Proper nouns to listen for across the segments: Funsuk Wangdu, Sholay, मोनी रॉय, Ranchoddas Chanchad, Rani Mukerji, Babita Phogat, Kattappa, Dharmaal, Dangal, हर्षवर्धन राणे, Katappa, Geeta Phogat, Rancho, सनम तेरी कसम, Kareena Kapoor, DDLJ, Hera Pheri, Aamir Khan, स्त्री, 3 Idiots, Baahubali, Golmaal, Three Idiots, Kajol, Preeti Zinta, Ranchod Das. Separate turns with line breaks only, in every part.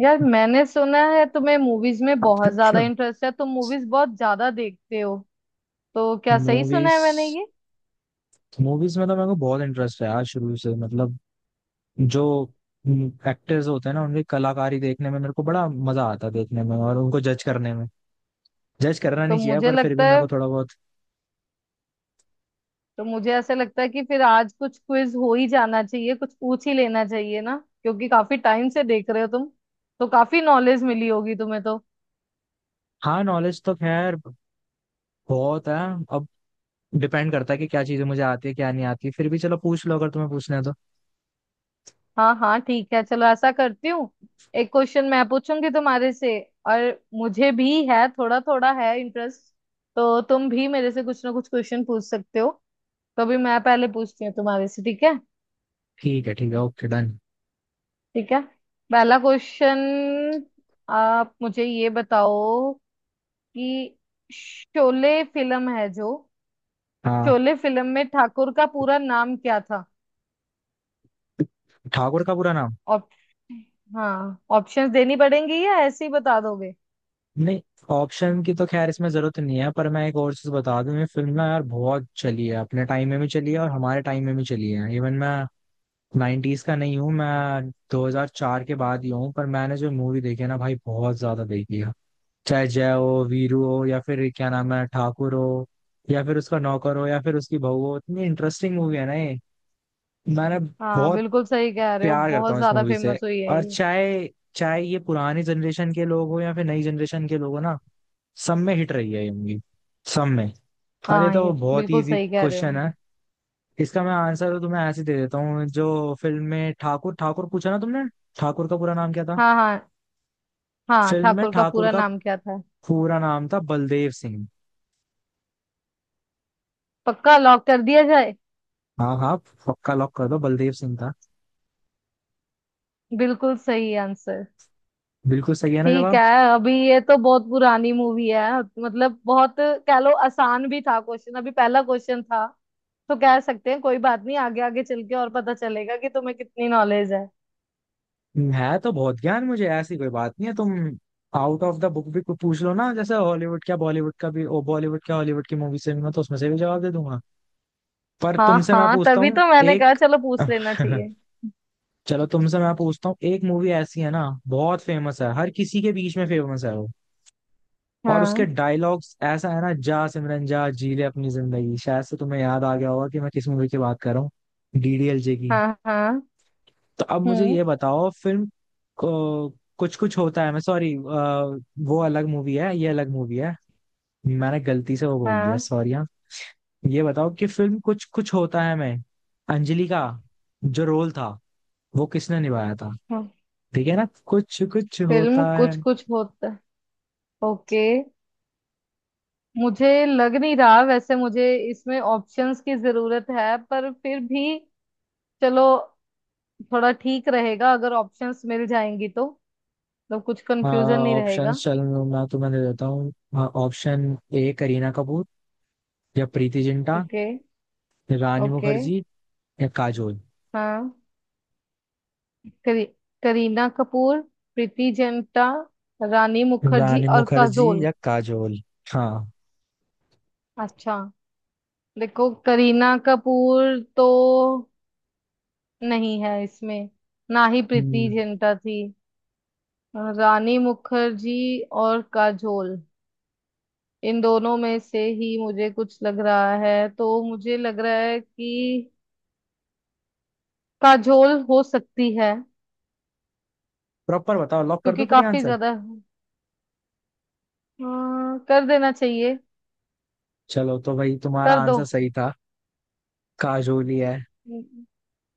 यार मैंने सुना है तुम्हें मूवीज में बहुत ज्यादा इंटरेस्ट है। तुम मूवीज बहुत ज्यादा देखते हो। तो क्या सही सुना
मूवीज
है मैंने ये?
मूवीज में तो मेरे को बहुत इंटरेस्ट है यार, शुरू से। मतलब जो एक्टर्स होते हैं ना, उनकी कलाकारी देखने में मेरे को बड़ा मजा आता है, देखने में और उनको जज करने में। जज करना
तो
नहीं चाहिए
मुझे
पर फिर भी
लगता
मेरे
है
को थोड़ा बहुत।
तो मुझे ऐसे लगता है कि फिर आज कुछ क्विज हो ही जाना चाहिए, कुछ पूछ ही लेना चाहिए ना। क्योंकि काफी टाइम से देख रहे हो तुम, तो काफी नॉलेज मिली होगी तुम्हें तो।
हाँ, नॉलेज तो खैर बहुत है। अब डिपेंड करता है कि क्या चीजें मुझे आती है क्या नहीं आती। फिर भी चलो पूछ लो अगर तुम्हें पूछना है तो।
हाँ हाँ, ठीक है, चलो ऐसा करती हूँ। एक क्वेश्चन मैं पूछूंगी तुम्हारे से। और मुझे भी है, थोड़ा थोड़ा है इंटरेस्ट, तो तुम भी मेरे से कुछ ना कुछ क्वेश्चन पूछ सकते हो। तो अभी मैं पहले पूछती हूँ तुम्हारे से, ठीक है?
ठीक है, ठीक है, ओके डन।
ठीक है। पहला क्वेश्चन, आप मुझे ये बताओ कि शोले फिल्म है जो,
हाँ,
शोले फिल्म में ठाकुर का पूरा नाम क्या था?
ठाकुर का पूरा नाम।
ऑप हाँ, ऑप्शंस देनी पड़ेंगी या ऐसे ही बता दोगे?
नहीं, ऑप्शन की तो खैर इसमें जरूरत नहीं है, पर मैं एक और चीज बता दूं। ये फिल्म ना यार बहुत चली है, अपने टाइम में भी चली है और हमारे टाइम में भी चली है। इवन मैं 90s का नहीं हूँ, मैं 2004 के बाद ही हूँ, पर मैंने जो मूवी देखी है ना भाई बहुत ज्यादा देखी है। चाहे जय हो, वीरू हो, या फिर क्या नाम है ठाकुर हो, या फिर उसका नौकर हो, या फिर उसकी बहू हो। इतनी इंटरेस्टिंग मूवी है ना ये। मैंने
हाँ,
बहुत
बिल्कुल सही कह रहे हो,
प्यार करता
बहुत
हूँ इस
ज्यादा
मूवी से।
फेमस हुई है
और
ये।
चाहे चाहे ये पुरानी जनरेशन के लोग हो या फिर नई जनरेशन के लोग हो ना, सब में हिट रही है ये मूवी, सब में। अरे
हाँ,
तो
ये
बहुत
बिल्कुल
इजी
सही कह रहे
क्वेश्चन
हो।
है। इसका मैं आंसर तो तुम्हें ऐसे दे देता हूँ। जो फिल्म में ठाकुर ठाकुर पूछा ना तुमने, ठाकुर का पूरा नाम क्या था।
हाँ हाँ। हाँ,
फिल्म में
ठाकुर का
ठाकुर
पूरा
का
नाम क्या था?
पूरा नाम था बलदेव सिंह।
पक्का लॉक कर दिया जाए।
हाँ, हाँ, पक्का लॉक कर दो, बलदेव सिंह था।
बिल्कुल सही आंसर।
बिल्कुल सही है ना
ठीक
जवाब।
है। अभी ये तो बहुत पुरानी मूवी है, मतलब बहुत कह लो, आसान भी था क्वेश्चन, अभी पहला क्वेश्चन था। तो कह सकते हैं कोई बात नहीं, आगे आगे चल के और पता चलेगा कि तुम्हें कितनी नॉलेज है।
है तो बहुत ज्ञान मुझे, ऐसी कोई बात नहीं है। तुम आउट ऑफ द बुक भी कुछ पूछ लो ना, जैसे हॉलीवुड क्या बॉलीवुड का भी, ओ बॉलीवुड क्या हॉलीवुड की मूवी से भी मैं तो उसमें से भी जवाब दे दूंगा। पर
हाँ
तुमसे मैं
हाँ,
पूछता
तभी
हूँ
तो मैंने कहा
एक।
चलो पूछ लेना चाहिए।
चलो तुमसे मैं पूछता हूँ। एक मूवी ऐसी है ना बहुत फेमस है, हर किसी के बीच में फेमस है वो। और उसके
हाँ
डायलॉग्स ऐसा है ना, जा सिमरन जा जी ले अपनी जिंदगी। शायद से तुम्हें याद आ गया होगा कि मैं किस मूवी की बात कर रहा हूँ। डीडीएलजे की।
हाँ हाँ।
तो अब मुझे
हम्म।
ये बताओ फिल्म को कुछ कुछ होता है। मैं सॉरी, वो अलग मूवी है ये अलग मूवी है। मैंने गलती से वो बोल दिया,
हाँ
सॉरी। हाँ, ये बताओ कि फिल्म कुछ कुछ होता है मैं, अंजलि का जो रोल था वो किसने निभाया था।
हाँ।
ठीक है ना, कुछ कुछ
फिल्म
होता है।
कुछ कुछ होता है। ओके। मुझे लग नहीं रहा वैसे मुझे इसमें ऑप्शंस की जरूरत है, पर फिर भी चलो, थोड़ा ठीक रहेगा अगर ऑप्शंस मिल जाएंगी तो। मतलब कुछ
हाँ,
कंफ्यूजन नहीं रहेगा।
ऑप्शंस चल, मैं तुम्हें दे देता हूँ। हाँ, ऑप्शन ए करीना कपूर, या प्रीति जिंटा,
ओके।
रानी
ओके।
मुखर्जी या काजोल।
हाँ। करी, करीना कपूर, प्रीति जिंटा, रानी मुखर्जी
रानी
और
मुखर्जी
काजोल।
या काजोल। हाँ।
अच्छा, देखो करीना कपूर तो नहीं है इसमें, ना ही प्रीति जिंटा थी। रानी मुखर्जी और काजोल, इन दोनों में से ही मुझे कुछ लग रहा है। तो मुझे लग रहा है कि काजोल हो सकती है।
प्रॉपर बताओ, लॉक कर दो
क्योंकि
फिर
काफी
आंसर।
ज्यादा। हाँ, कर देना चाहिए।
चलो तो भाई तुम्हारा
कर दो।
आंसर सही था, काजोल ही है।
हम्म।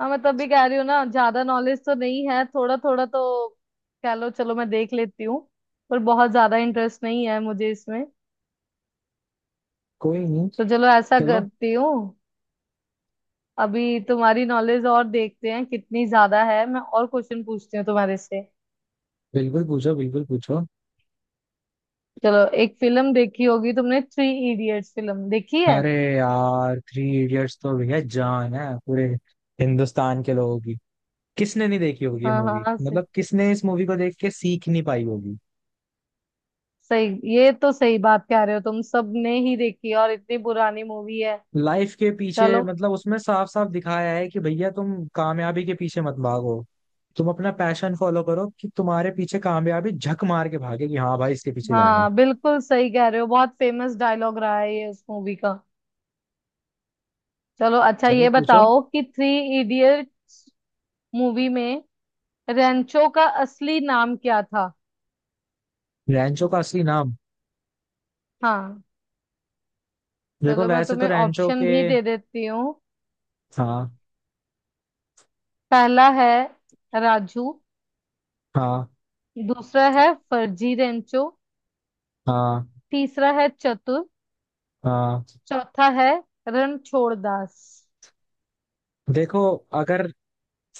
हाँ, मैं तब भी कह रही हूँ ना, ज्यादा नॉलेज तो नहीं है, थोड़ा थोड़ा तो कह लो, चलो मैं देख लेती हूँ। पर बहुत ज्यादा इंटरेस्ट नहीं है मुझे इसमें।
कोई नहीं,
तो चलो ऐसा
चलो।
करती हूँ। अभी तुम्हारी नॉलेज और देखते हैं कितनी ज्यादा है, मैं और क्वेश्चन पूछती हूँ तुम्हारे से।
बिल्कुल पूछो, बिल्कुल पूछो।
चलो, एक फिल्म देखी होगी तुमने, थ्री इडियट्स फिल्म देखी है?
अरे यार थ्री इडियट्स तो भैया जान है पूरे हिंदुस्तान के लोगों। किसने नहीं देखी होगी ये
हाँ
मूवी,
हाँ, सही।
मतलब किसने इस मूवी को देख के सीख नहीं पाई होगी।
सही, ये तो सही बात कह रहे हो, तुम सबने ही देखी है और इतनी पुरानी मूवी है।
लाइफ के पीछे
चलो।
मतलब उसमें साफ साफ दिखाया है कि भैया तुम कामयाबी के पीछे मत भागो, तुम अपना पैशन फॉलो करो कि तुम्हारे पीछे कामयाबी झक मार के भागे कि हाँ भाई इसके पीछे जाना है।
हाँ, बिल्कुल सही कह रहे हो, बहुत फेमस डायलॉग रहा है ये उस मूवी का। चलो अच्छा,
चलो
ये
पूछो।
बताओ कि थ्री इडियट मूवी में रेंचो का असली नाम क्या था?
रैंचो का असली नाम।
हाँ,
देखो,
चलो मैं
वैसे तो
तुम्हें
रैंचो
ऑप्शन
के।
भी दे देती हूँ।
हाँ।
पहला है राजू।
हाँ।
दूसरा है फर्जी रेंचो।
हाँ।
तीसरा है चतुर।
हाँ।
चौथा है रणछोड़ दास।
देखो, अगर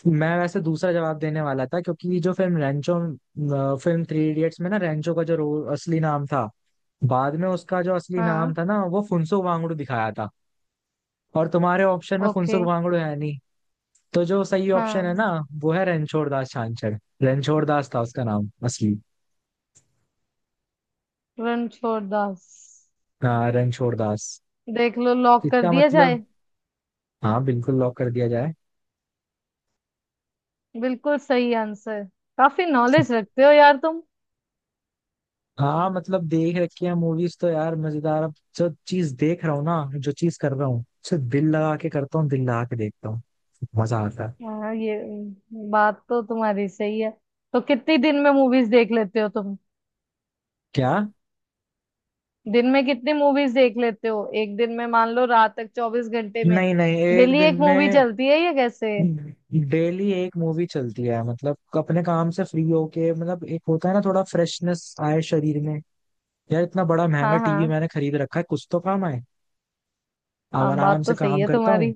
मैं वैसे दूसरा जवाब देने वाला था, क्योंकि जो फिल्म रेंचो, फिल्म थ्री इडियट्स में ना रेंचो का जो रोल असली नाम था, बाद में उसका जो असली नाम
हाँ।
था ना वो फुनसुक वांगडू दिखाया था। और तुम्हारे ऑप्शन में
ओके।
फुनसुक वांगडू है नहीं। तो जो सही ऑप्शन है
हाँ।
ना, वो है रणछोड़ दास छांछड़। रणछोड़ दास था उसका नाम असली।
रणछोड़ दास।
हाँ, रणछोड़ दास।
देख लो, लॉक कर
इसका
दिया
मतलब,
जाए।
हाँ बिल्कुल लॉक कर दिया जाए।
बिल्कुल सही आंसर, काफी नॉलेज रखते हो यार तुम।
हाँ मतलब देख रखी है मूवीज तो यार, मजेदार। अब जो चीज देख रहा हूँ ना, जो चीज कर रहा हूँ उसे दिल लगा के करता हूँ, दिल लगा के देखता हूँ। मजा आता है।
हाँ, ये बात तो तुम्हारी सही है। तो कितनी दिन में मूवीज देख लेते हो तुम?
क्या।
दिन में कितनी मूवीज देख लेते हो? एक दिन में मान लो, रात तक, 24 घंटे में
नहीं नहीं, एक
डेली
दिन
एक मूवी
में
चलती है, ये कैसे?
डेली एक मूवी चलती है। मतलब अपने काम से फ्री होके, मतलब एक होता है ना थोड़ा फ्रेशनेस आए शरीर में। यार इतना बड़ा महंगा
हाँ
टीवी
हाँ।
मैंने खरीद रखा है, कुछ तो काम आए। अब
हाँ,
आराम
बात
से
तो सही
काम
है
करता हूँ,
तुम्हारी।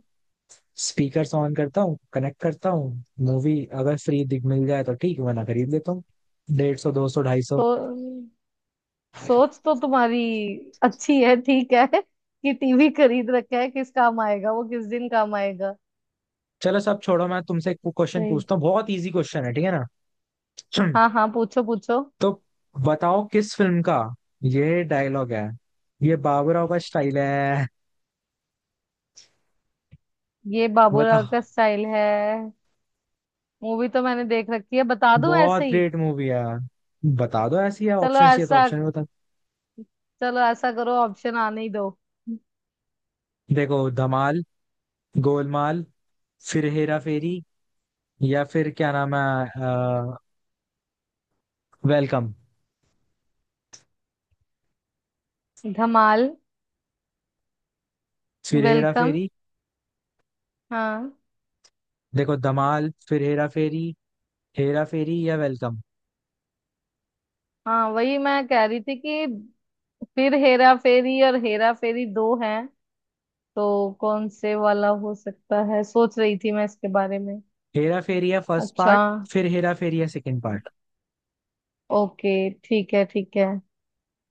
स्पीकर्स ऑन करता हूँ, कनेक्ट करता हूँ मूवी। अगर फ्री दिख मिल जाए तो ठीक, वरना खरीद लेता हूँ। डेढ़ सौ, दो सौ, ढाई सौ।
तो सोच तो तुम्हारी अच्छी है, ठीक है कि टीवी खरीद रखा है, किस काम आएगा वो, किस दिन काम आएगा।
चलो सब छोड़ो, मैं तुमसे एक क्वेश्चन
सही।
पूछता हूँ, बहुत इजी क्वेश्चन है, ठीक है ना।
हाँ हाँ, पूछो पूछो।
तो बताओ किस फिल्म का ये डायलॉग है, ये बाबूराव का स्टाइल है।
ये बाबूराव
बताओ।
का स्टाइल है। मूवी तो मैंने देख रखी है, बता दूं ऐसे
बहुत
ही।
ग्रेट मूवी है। बता दो ऐसी है,
चलो
ऑप्शन चाहिए तो
ऐसा
ऑप्शन में बता।
चलो ऐसा करो, ऑप्शन आने ही दो।
देखो, धमाल, गोलमाल, फिर हेरा फेरी, या फिर क्या नाम है अ, वेलकम।
धमाल,
फिर हेरा
वेलकम।
फेरी।
हाँ
देखो, धमाल, फिर हेरा फेरी, हेरा फेरी या वेलकम।
हाँ, वही मैं कह रही थी कि फिर हेरा फेरी और हेरा फेरी दो हैं, तो कौन से वाला हो सकता है सोच रही थी मैं इसके बारे में।
हेरा फेरी या फर्स्ट
अच्छा।
पार्ट, फिर हेरा फेरी या सेकंड पार्ट।
ओके। ठीक है, ठीक है।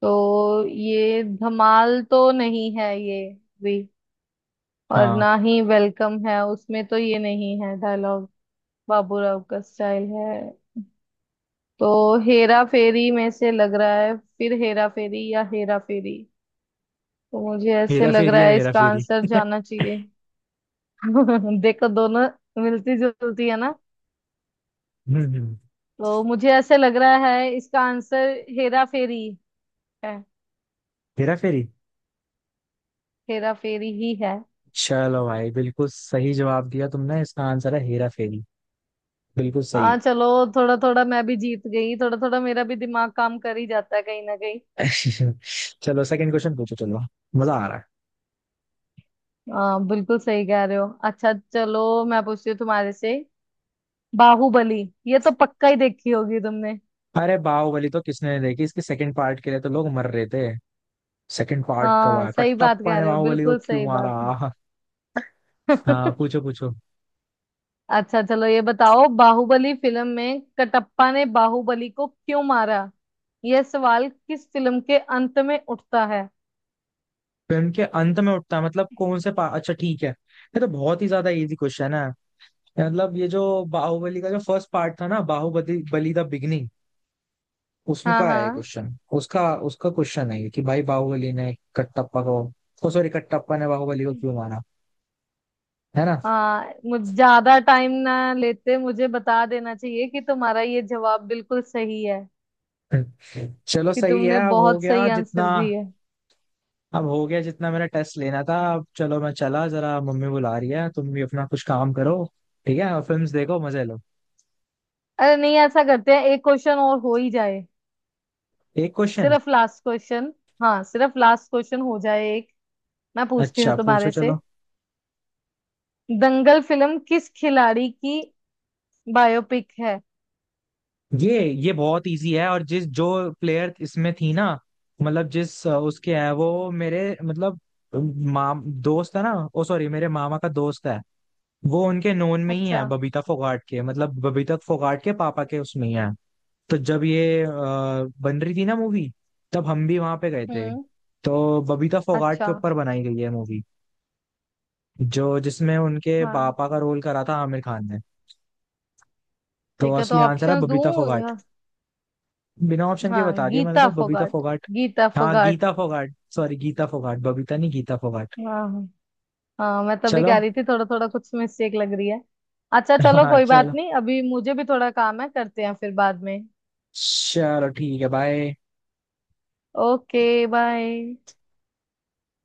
तो ये धमाल तो नहीं है, ये भी, और
हाँ
ना ही वेलकम है, उसमें तो ये नहीं है डायलॉग, बाबूराव का स्टाइल है। तो हेरा फेरी में से लग रहा है, फिर हेरा फेरी या हेरा फेरी। तो मुझे ऐसे
हेरा
लग
फेरी
रहा
या
है
हेरा
इसका
फेरी।
आंसर जाना चाहिए। देखो दोनों मिलती जुलती है ना।
हम्म।
तो मुझे ऐसे लग रहा है इसका आंसर हेरा फेरी है।
हेरा फेरी।
हेरा फेरी ही है।
चलो भाई बिल्कुल सही जवाब दिया तुमने, इसका आंसर है हेरा फेरी। बिल्कुल सही।
हाँ चलो, थोड़ा थोड़ा मैं भी जीत गई, थोड़ा थोड़ा मेरा भी दिमाग काम कर ही जाता है कहीं ना।
चलो सेकंड क्वेश्चन पूछो, चलो। मजा आ रहा है।
बिल्कुल सही कह रहे हो। अच्छा चलो, मैं पूछती हूँ तुम्हारे से। बाहुबली, ये तो पक्का ही देखी होगी तुमने।
अरे बाहुबली तो किसने नहीं देखी, इसके सेकंड पार्ट के लिए तो लोग मर रहे थे। सेकंड पार्ट कब
हाँ,
आया,
सही बात
कटप्पा
कह
ने
रहे हो,
बाहुबली को
बिल्कुल
क्यों
सही
मारा।
बात है।
हाँ, पूछो पूछो।
अच्छा चलो ये बताओ, बाहुबली फिल्म में कटप्पा ने बाहुबली को क्यों मारा, यह सवाल किस फिल्म के अंत में उठता है?
फिल्म के अंत में उठता है मतलब कौन से पा... अच्छा ठीक है, ये तो बहुत ही ज्यादा इजी क्वेश्चन है। मतलब ये जो बाहुबली का जो फर्स्ट पार्ट था ना, बाहुबली बली द बिगनिंग, उसमें
हाँ
का है ये
हाँ।
क्वेश्चन। उसका उसका क्वेश्चन है ये कि भाई बाहुबली ने कटप्पा को, ओ सॉरी, कटप्पा ने बाहुबली को क्यों मारा। है ना।
हाँ, मुझ ज्यादा टाइम ना लेते मुझे बता देना चाहिए कि तुम्हारा ये जवाब बिल्कुल सही है,
चलो
कि
सही है,
तुमने
अब हो
बहुत
गया
सही
जितना।
आंसर दिया।
अब हो गया जितना मेरा टेस्ट लेना था। अब चलो मैं चला, जरा मम्मी बुला रही है, तुम भी अपना कुछ काम करो। ठीक है, और फिल्म्स देखो मजे लो।
अरे नहीं, ऐसा करते हैं एक क्वेश्चन और हो ही जाए।
एक क्वेश्चन।
सिर्फ लास्ट क्वेश्चन। हाँ, सिर्फ लास्ट क्वेश्चन हो जाए, एक मैं पूछती हूँ
अच्छा पूछो
तुम्हारे से।
चलो।
दंगल फिल्म किस खिलाड़ी की बायोपिक है?
ये बहुत इजी है। और जिस जो प्लेयर इसमें थी ना, मतलब जिस उसके है, वो मेरे मतलब माम दोस्त है ना, ओ सॉरी मेरे मामा का दोस्त है। वो उनके नोन में ही
अच्छा।
है, बबीता फोगाट के, मतलब बबीता फोगाट के पापा के उसमें ही है। तो जब ये बन रही थी ना मूवी, तब हम भी वहां पे गए थे।
हम्म।
तो बबीता फोगाट
अच्छा।
के ऊपर बनाई गई है मूवी, जो जिसमें उनके
हाँ
पापा का रोल करा था आमिर खान ने। तो
ठीक है, तो
असली आंसर है
ऑप्शंस दूँ
बबीता फोगाट।
या-
बिना ऑप्शन के
हाँ,
बता दिया मैंने
गीता
तो, बबीता
फोगाट,
फोगाट।
गीता
हाँ
फोगाट।
गीता फोगाट, सॉरी गीता फोगाट, बबीता नहीं, गीता फोगाट।
हाँ हाँ। हाँ, मैं तभी
चलो
कह रही थी थोड़ा थोड़ा कुछ मिस्टेक लग रही है। अच्छा चलो
हाँ
कोई बात
चलो।
नहीं, अभी मुझे भी थोड़ा काम है, करते हैं फिर बाद में।
चलो ठीक है, बाय।
ओके। बाय।